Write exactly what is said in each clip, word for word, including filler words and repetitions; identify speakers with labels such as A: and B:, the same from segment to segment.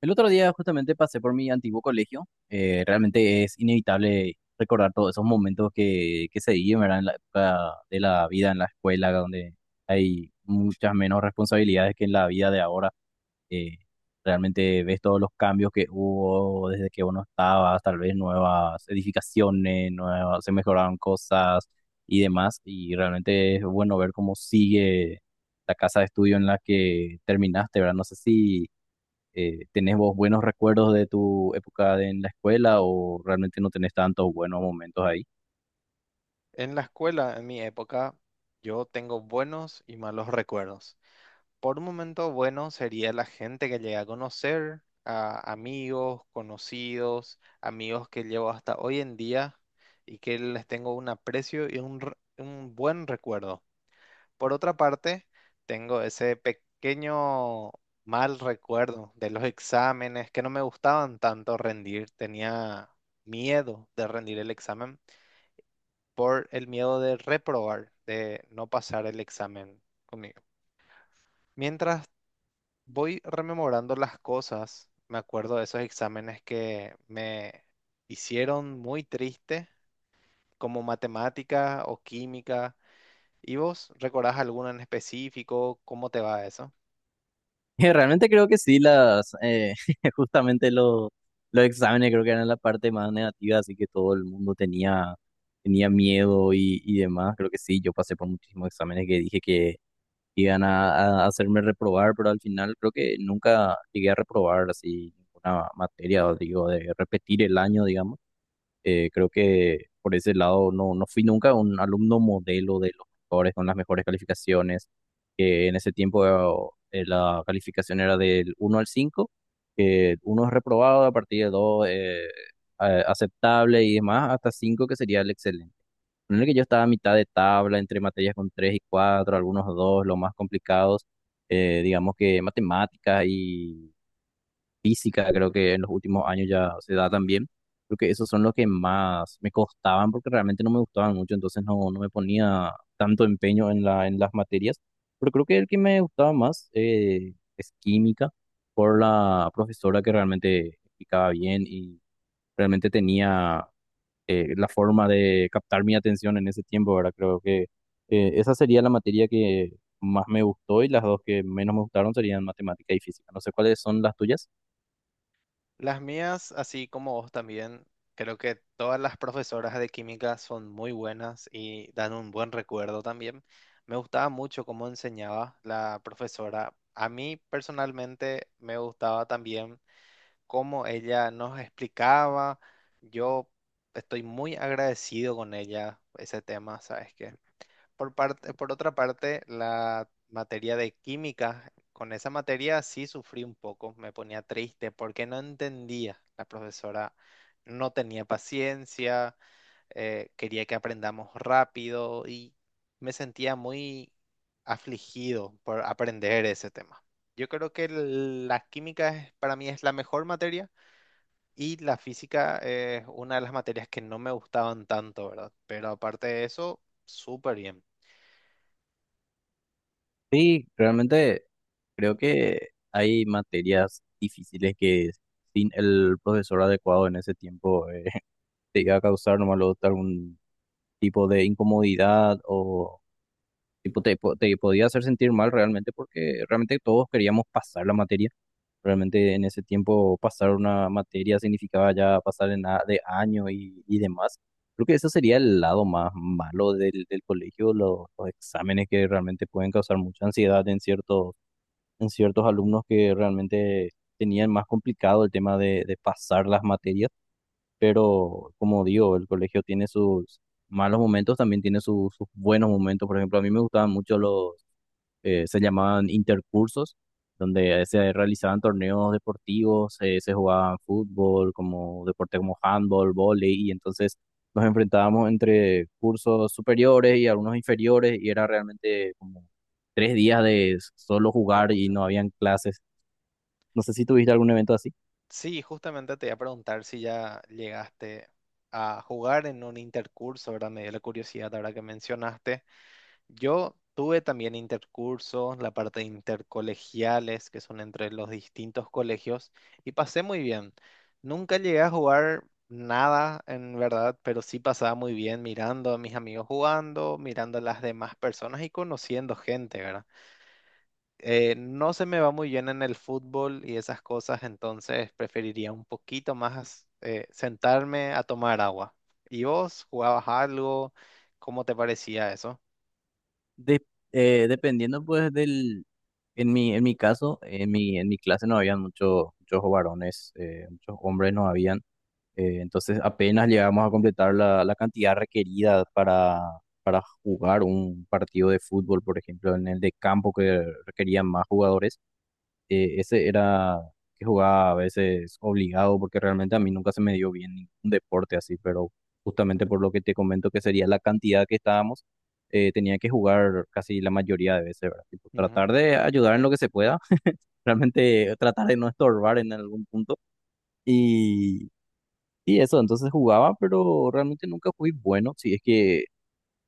A: El otro día justamente pasé por mi antiguo colegio. Eh, realmente es inevitable recordar todos esos momentos que, que se viven, ¿verdad? En la época de la vida en la escuela, donde hay muchas menos responsabilidades que en la vida de ahora. Eh, Realmente ves todos los cambios que hubo desde que uno estaba, tal vez nuevas edificaciones, nuevas, se mejoraron cosas y demás. Y realmente es bueno ver cómo sigue la casa de estudio en la que terminaste, ¿verdad? No sé si eh, ¿tenés vos buenos recuerdos de tu época de- en la escuela o realmente no tenés tantos buenos momentos ahí?
B: En la escuela, en mi época, yo tengo buenos y malos recuerdos. Por un momento, bueno sería la gente que llegué a conocer, a amigos, conocidos, amigos que llevo hasta hoy en día y que les tengo un aprecio y un, re- un buen recuerdo. Por otra parte, tengo ese pequeño mal recuerdo de los exámenes que no me gustaban tanto rendir, tenía miedo de rendir el examen por el miedo de reprobar, de no pasar el examen conmigo. Mientras voy rememorando las cosas, me acuerdo de esos exámenes que me hicieron muy triste, como matemática o química. ¿Y vos recordás alguno en específico? ¿Cómo te va eso?
A: Realmente creo que sí, las, eh, justamente lo- los exámenes creo que eran la parte más negativa, así que todo el mundo tenía, tenía miedo y, y demás. Creo que sí, yo pasé por muchísimos exámenes que dije que iban a, a hacerme reprobar, pero al final creo que nunca llegué a reprobar así una materia, o digo, de repetir el año, digamos. Eh, creo que por ese lado no, no fui nunca un alumno modelo de los mejores, con las mejores calificaciones, que en ese tiempo eh, la calificación era del uno al cinco, que uno es reprobado, a partir de dos eh, a- aceptable y demás, hasta cinco que sería el excelente, en el que yo estaba a mitad de tabla entre materias con tres y cuatro, algunos dos los más complicados. Eh, digamos que matemáticas, física, creo que en los últimos años ya se da también. Creo que esos son los que más me costaban porque realmente no me gustaban mucho, entonces no, no me ponía tanto empeño en la, en las materias. Pero creo que el que me gustaba más eh, es química, por la profesora que realmente explicaba bien y realmente tenía eh, la forma de captar mi atención en ese tiempo, ¿verdad? Creo que eh, esa sería la materia que más me gustó, y las dos que menos me gustaron serían matemática y física. No sé cuáles son las tuyas.
B: Las mías, así como vos también, creo que todas las profesoras de química son muy buenas y dan un buen recuerdo también. Me gustaba mucho cómo enseñaba la profesora. A mí personalmente me gustaba también cómo ella nos explicaba. Yo estoy muy agradecido con ella ese tema, ¿sabes qué? Por parte, por otra parte, la materia de química, con esa materia sí sufrí un poco, me ponía triste porque no entendía. La profesora no tenía paciencia, eh, quería que aprendamos rápido y me sentía muy afligido por aprender ese tema. Yo creo que el- la química es, para mí, es la mejor materia y la física es una de las materias que no me gustaban tanto, ¿verdad? Pero aparte de eso, súper bien.
A: Sí, realmente creo que hay materias difíciles que sin el profesor adecuado en ese tiempo eh, te iba a causar nomás luego algún tipo de incomodidad o tipo te, po- te podía hacer sentir mal realmente porque realmente todos queríamos pasar la materia. Realmente en ese tiempo pasar una materia significaba ya pasar en a- de año y, y demás. Creo que ese sería el lado más malo del, del colegio, los, los exámenes que realmente pueden causar mucha ansiedad en ciertos, en ciertos alumnos que realmente tenían más complicado el tema de, de pasar las materias, pero como digo, el colegio tiene sus malos momentos, también tiene sus, sus buenos momentos. Por ejemplo, a mí me gustaban mucho los eh, se llamaban intercursos, donde se realizaban torneos deportivos, eh, se jugaban fútbol, como deporte, como handball, vóley, y entonces nos enfrentábamos entre cursos superiores y algunos inferiores, y era realmente como tres días de solo
B: De
A: jugar y
B: mucho.
A: no habían clases. No sé si tuviste algún evento así.
B: Sí, justamente te voy a preguntar si ya llegaste a jugar en un intercurso, ¿verdad? Me dio la curiosidad ahora que mencionaste. Yo tuve también intercursos, la parte de intercolegiales, que son entre los distintos colegios, y pasé muy bien. Nunca llegué a jugar nada, en verdad, pero sí pasaba muy bien mirando a mis amigos jugando, mirando a las demás personas y conociendo gente, ¿verdad? Eh, no se me va muy bien en el fútbol y esas cosas, entonces preferiría un poquito más, eh, sentarme a tomar agua. ¿Y vos jugabas algo? ¿Cómo te parecía eso?
A: De- eh, Dependiendo pues del, en mi, en mi caso, en mi, en mi clase no habían muchos, muchos varones, eh, muchos hombres no habían. Eh, entonces apenas llegamos a completar la, la cantidad requerida para, para jugar un partido de fútbol, por ejemplo, en el de campo que requerían más jugadores. Eh, ese era que jugaba a veces obligado porque realmente a mí nunca se me dio bien ningún deporte así, pero justamente por lo que te comento que sería la cantidad que estábamos, eh, tenía que jugar casi la mayoría de veces, ¿verdad? Tipo,
B: Ujú.
A: tratar de ayudar en lo que se pueda, realmente tratar de no estorbar en algún punto. Y y eso, entonces jugaba, pero realmente nunca fui bueno. Si es que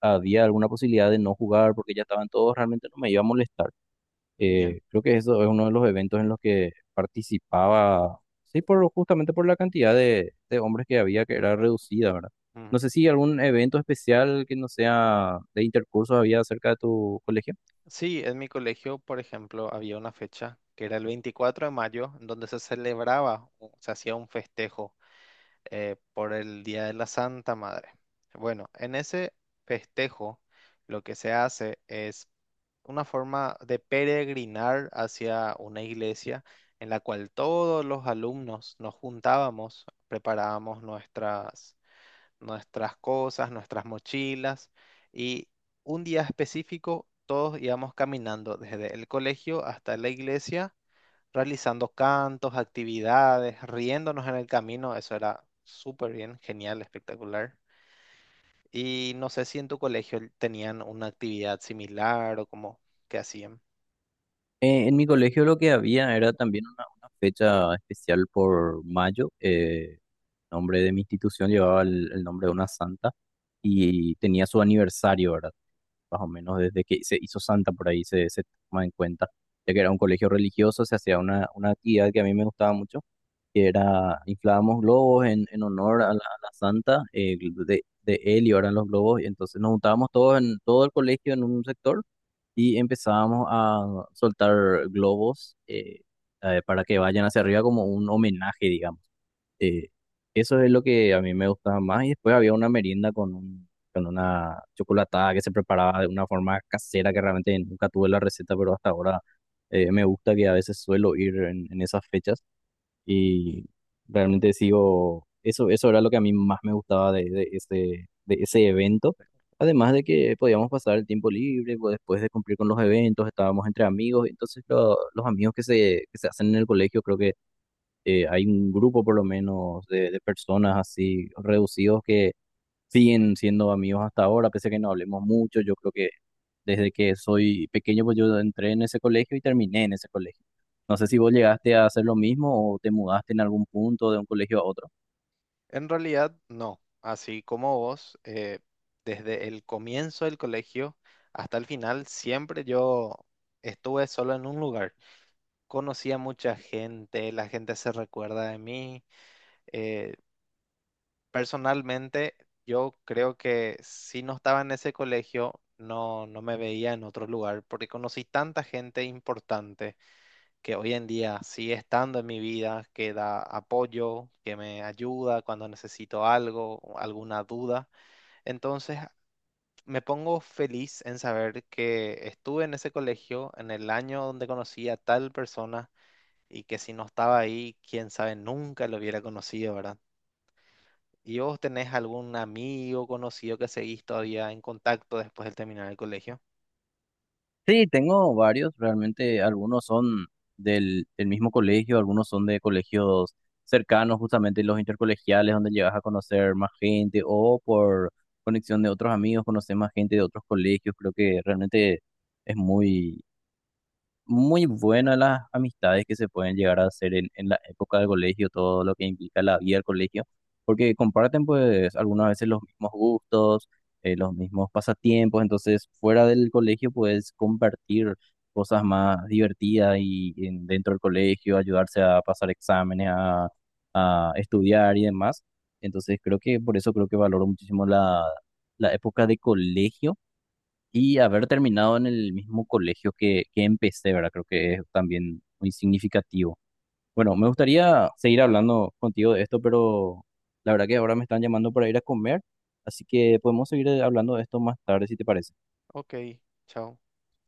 A: había alguna posibilidad de no jugar porque ya estaban todos, realmente no me iba a molestar.
B: Ya.
A: Eh, creo que eso es uno de los eventos en los que participaba, sí, por, justamente por la cantidad de, de hombres que había, que era reducida, ¿verdad? No sé
B: Ujú.
A: si algún evento especial que no sea de intercursos había cerca de tu colegio.
B: Sí, en mi colegio, por ejemplo, había una fecha que era el veinticuatro de mayo, en donde se celebraba, o se hacía un festejo, eh, por el Día de la Santa Madre. Bueno, en ese festejo lo que se hace es una forma de peregrinar hacia una iglesia en la cual todos los alumnos nos juntábamos, preparábamos nuestras, nuestras cosas, nuestras mochilas y un día específico todos íbamos caminando desde el colegio hasta la iglesia realizando cantos, actividades, riéndonos en el camino. Eso era súper bien, genial, espectacular. Y no sé si en tu colegio tenían una actividad similar o como que hacían.
A: Eh, en mi colegio lo que había era también una, una fecha especial por mayo. Eh, nombre de mi institución llevaba el, el nombre de una santa y tenía su aniversario, ¿verdad? Más o menos desde que se hizo santa por ahí se, se toma en cuenta, ya que era un colegio religioso, se hacía una, una actividad que a mí me gustaba mucho, que era inflábamos globos en, en honor a la, a la santa eh, de, de él y ahora los globos, y entonces nos juntábamos todos en todo el colegio en un sector y empezábamos a soltar globos eh, eh, para que vayan hacia arriba como un homenaje, digamos. Eh, Eso es lo que a mí me gustaba más, y después había una merienda con, un- con una chocolatada que se preparaba de una forma casera que realmente nunca tuve la receta, pero hasta ahora eh, me gusta que a veces suelo ir en, en esas fechas. Y realmente sigo, eso, eso era lo que a mí más me gustaba de, de ese, de ese evento. Además de que podíamos pasar el tiempo libre, pues, después de cumplir con los eventos, estábamos entre amigos, entonces lo- los amigos que se, que se hacen en el colegio, creo que eh, hay un grupo por lo menos de, de personas así reducidos que siguen siendo amigos hasta ahora, pese a que no hablemos mucho, yo creo que desde que soy pequeño, pues yo entré en ese colegio y terminé en ese colegio. No sé
B: Ujú.
A: si vos llegaste a hacer lo mismo o te mudaste en algún punto de un colegio a otro.
B: En realidad, no. Así como vos, eh, desde el comienzo del colegio hasta el final, siempre yo estuve solo en un lugar. Conocía mucha gente, la gente se recuerda de mí. eh, Personalmente, yo creo que si no estaba en ese colegio, no, no me veía en otro lugar, porque conocí tanta gente importante que hoy en día sigue estando en mi vida, que da apoyo, que me ayuda cuando necesito algo, alguna duda. Entonces, me pongo feliz en saber que estuve en ese colegio en el año donde conocí a tal persona y que si no estaba ahí, quién sabe, nunca lo hubiera conocido, ¿verdad? ¿Y vos tenés algún amigo conocido que seguís todavía en contacto después de terminar el colegio?
A: Sí, tengo varios, realmente algunos son del, del mismo colegio, algunos son de colegios cercanos, justamente los intercolegiales, donde llegas a conocer más gente o por conexión de otros amigos, conocer más gente de otros colegios. Creo que realmente es muy muy buenas las amistades que se pueden llegar a hacer en, en la época del colegio, todo lo que implica la vida del colegio, porque comparten pues algunas veces los mismos gustos, eh, los mismos pasatiempos, entonces fuera del colegio puedes compartir cosas más divertidas y, en- dentro del colegio, ayudarse a pasar exámenes, a, a estudiar y demás. Entonces creo que por eso creo que valoro muchísimo la, la época de colegio y haber terminado en el mismo colegio que, que empecé, ¿verdad? Creo que es también muy significativo. Bueno, me gustaría seguir hablando contigo de esto, pero la verdad que ahora me están llamando para ir a comer, así que podemos seguir eh, hablando de esto más tarde, si te parece.
B: Ok, chao.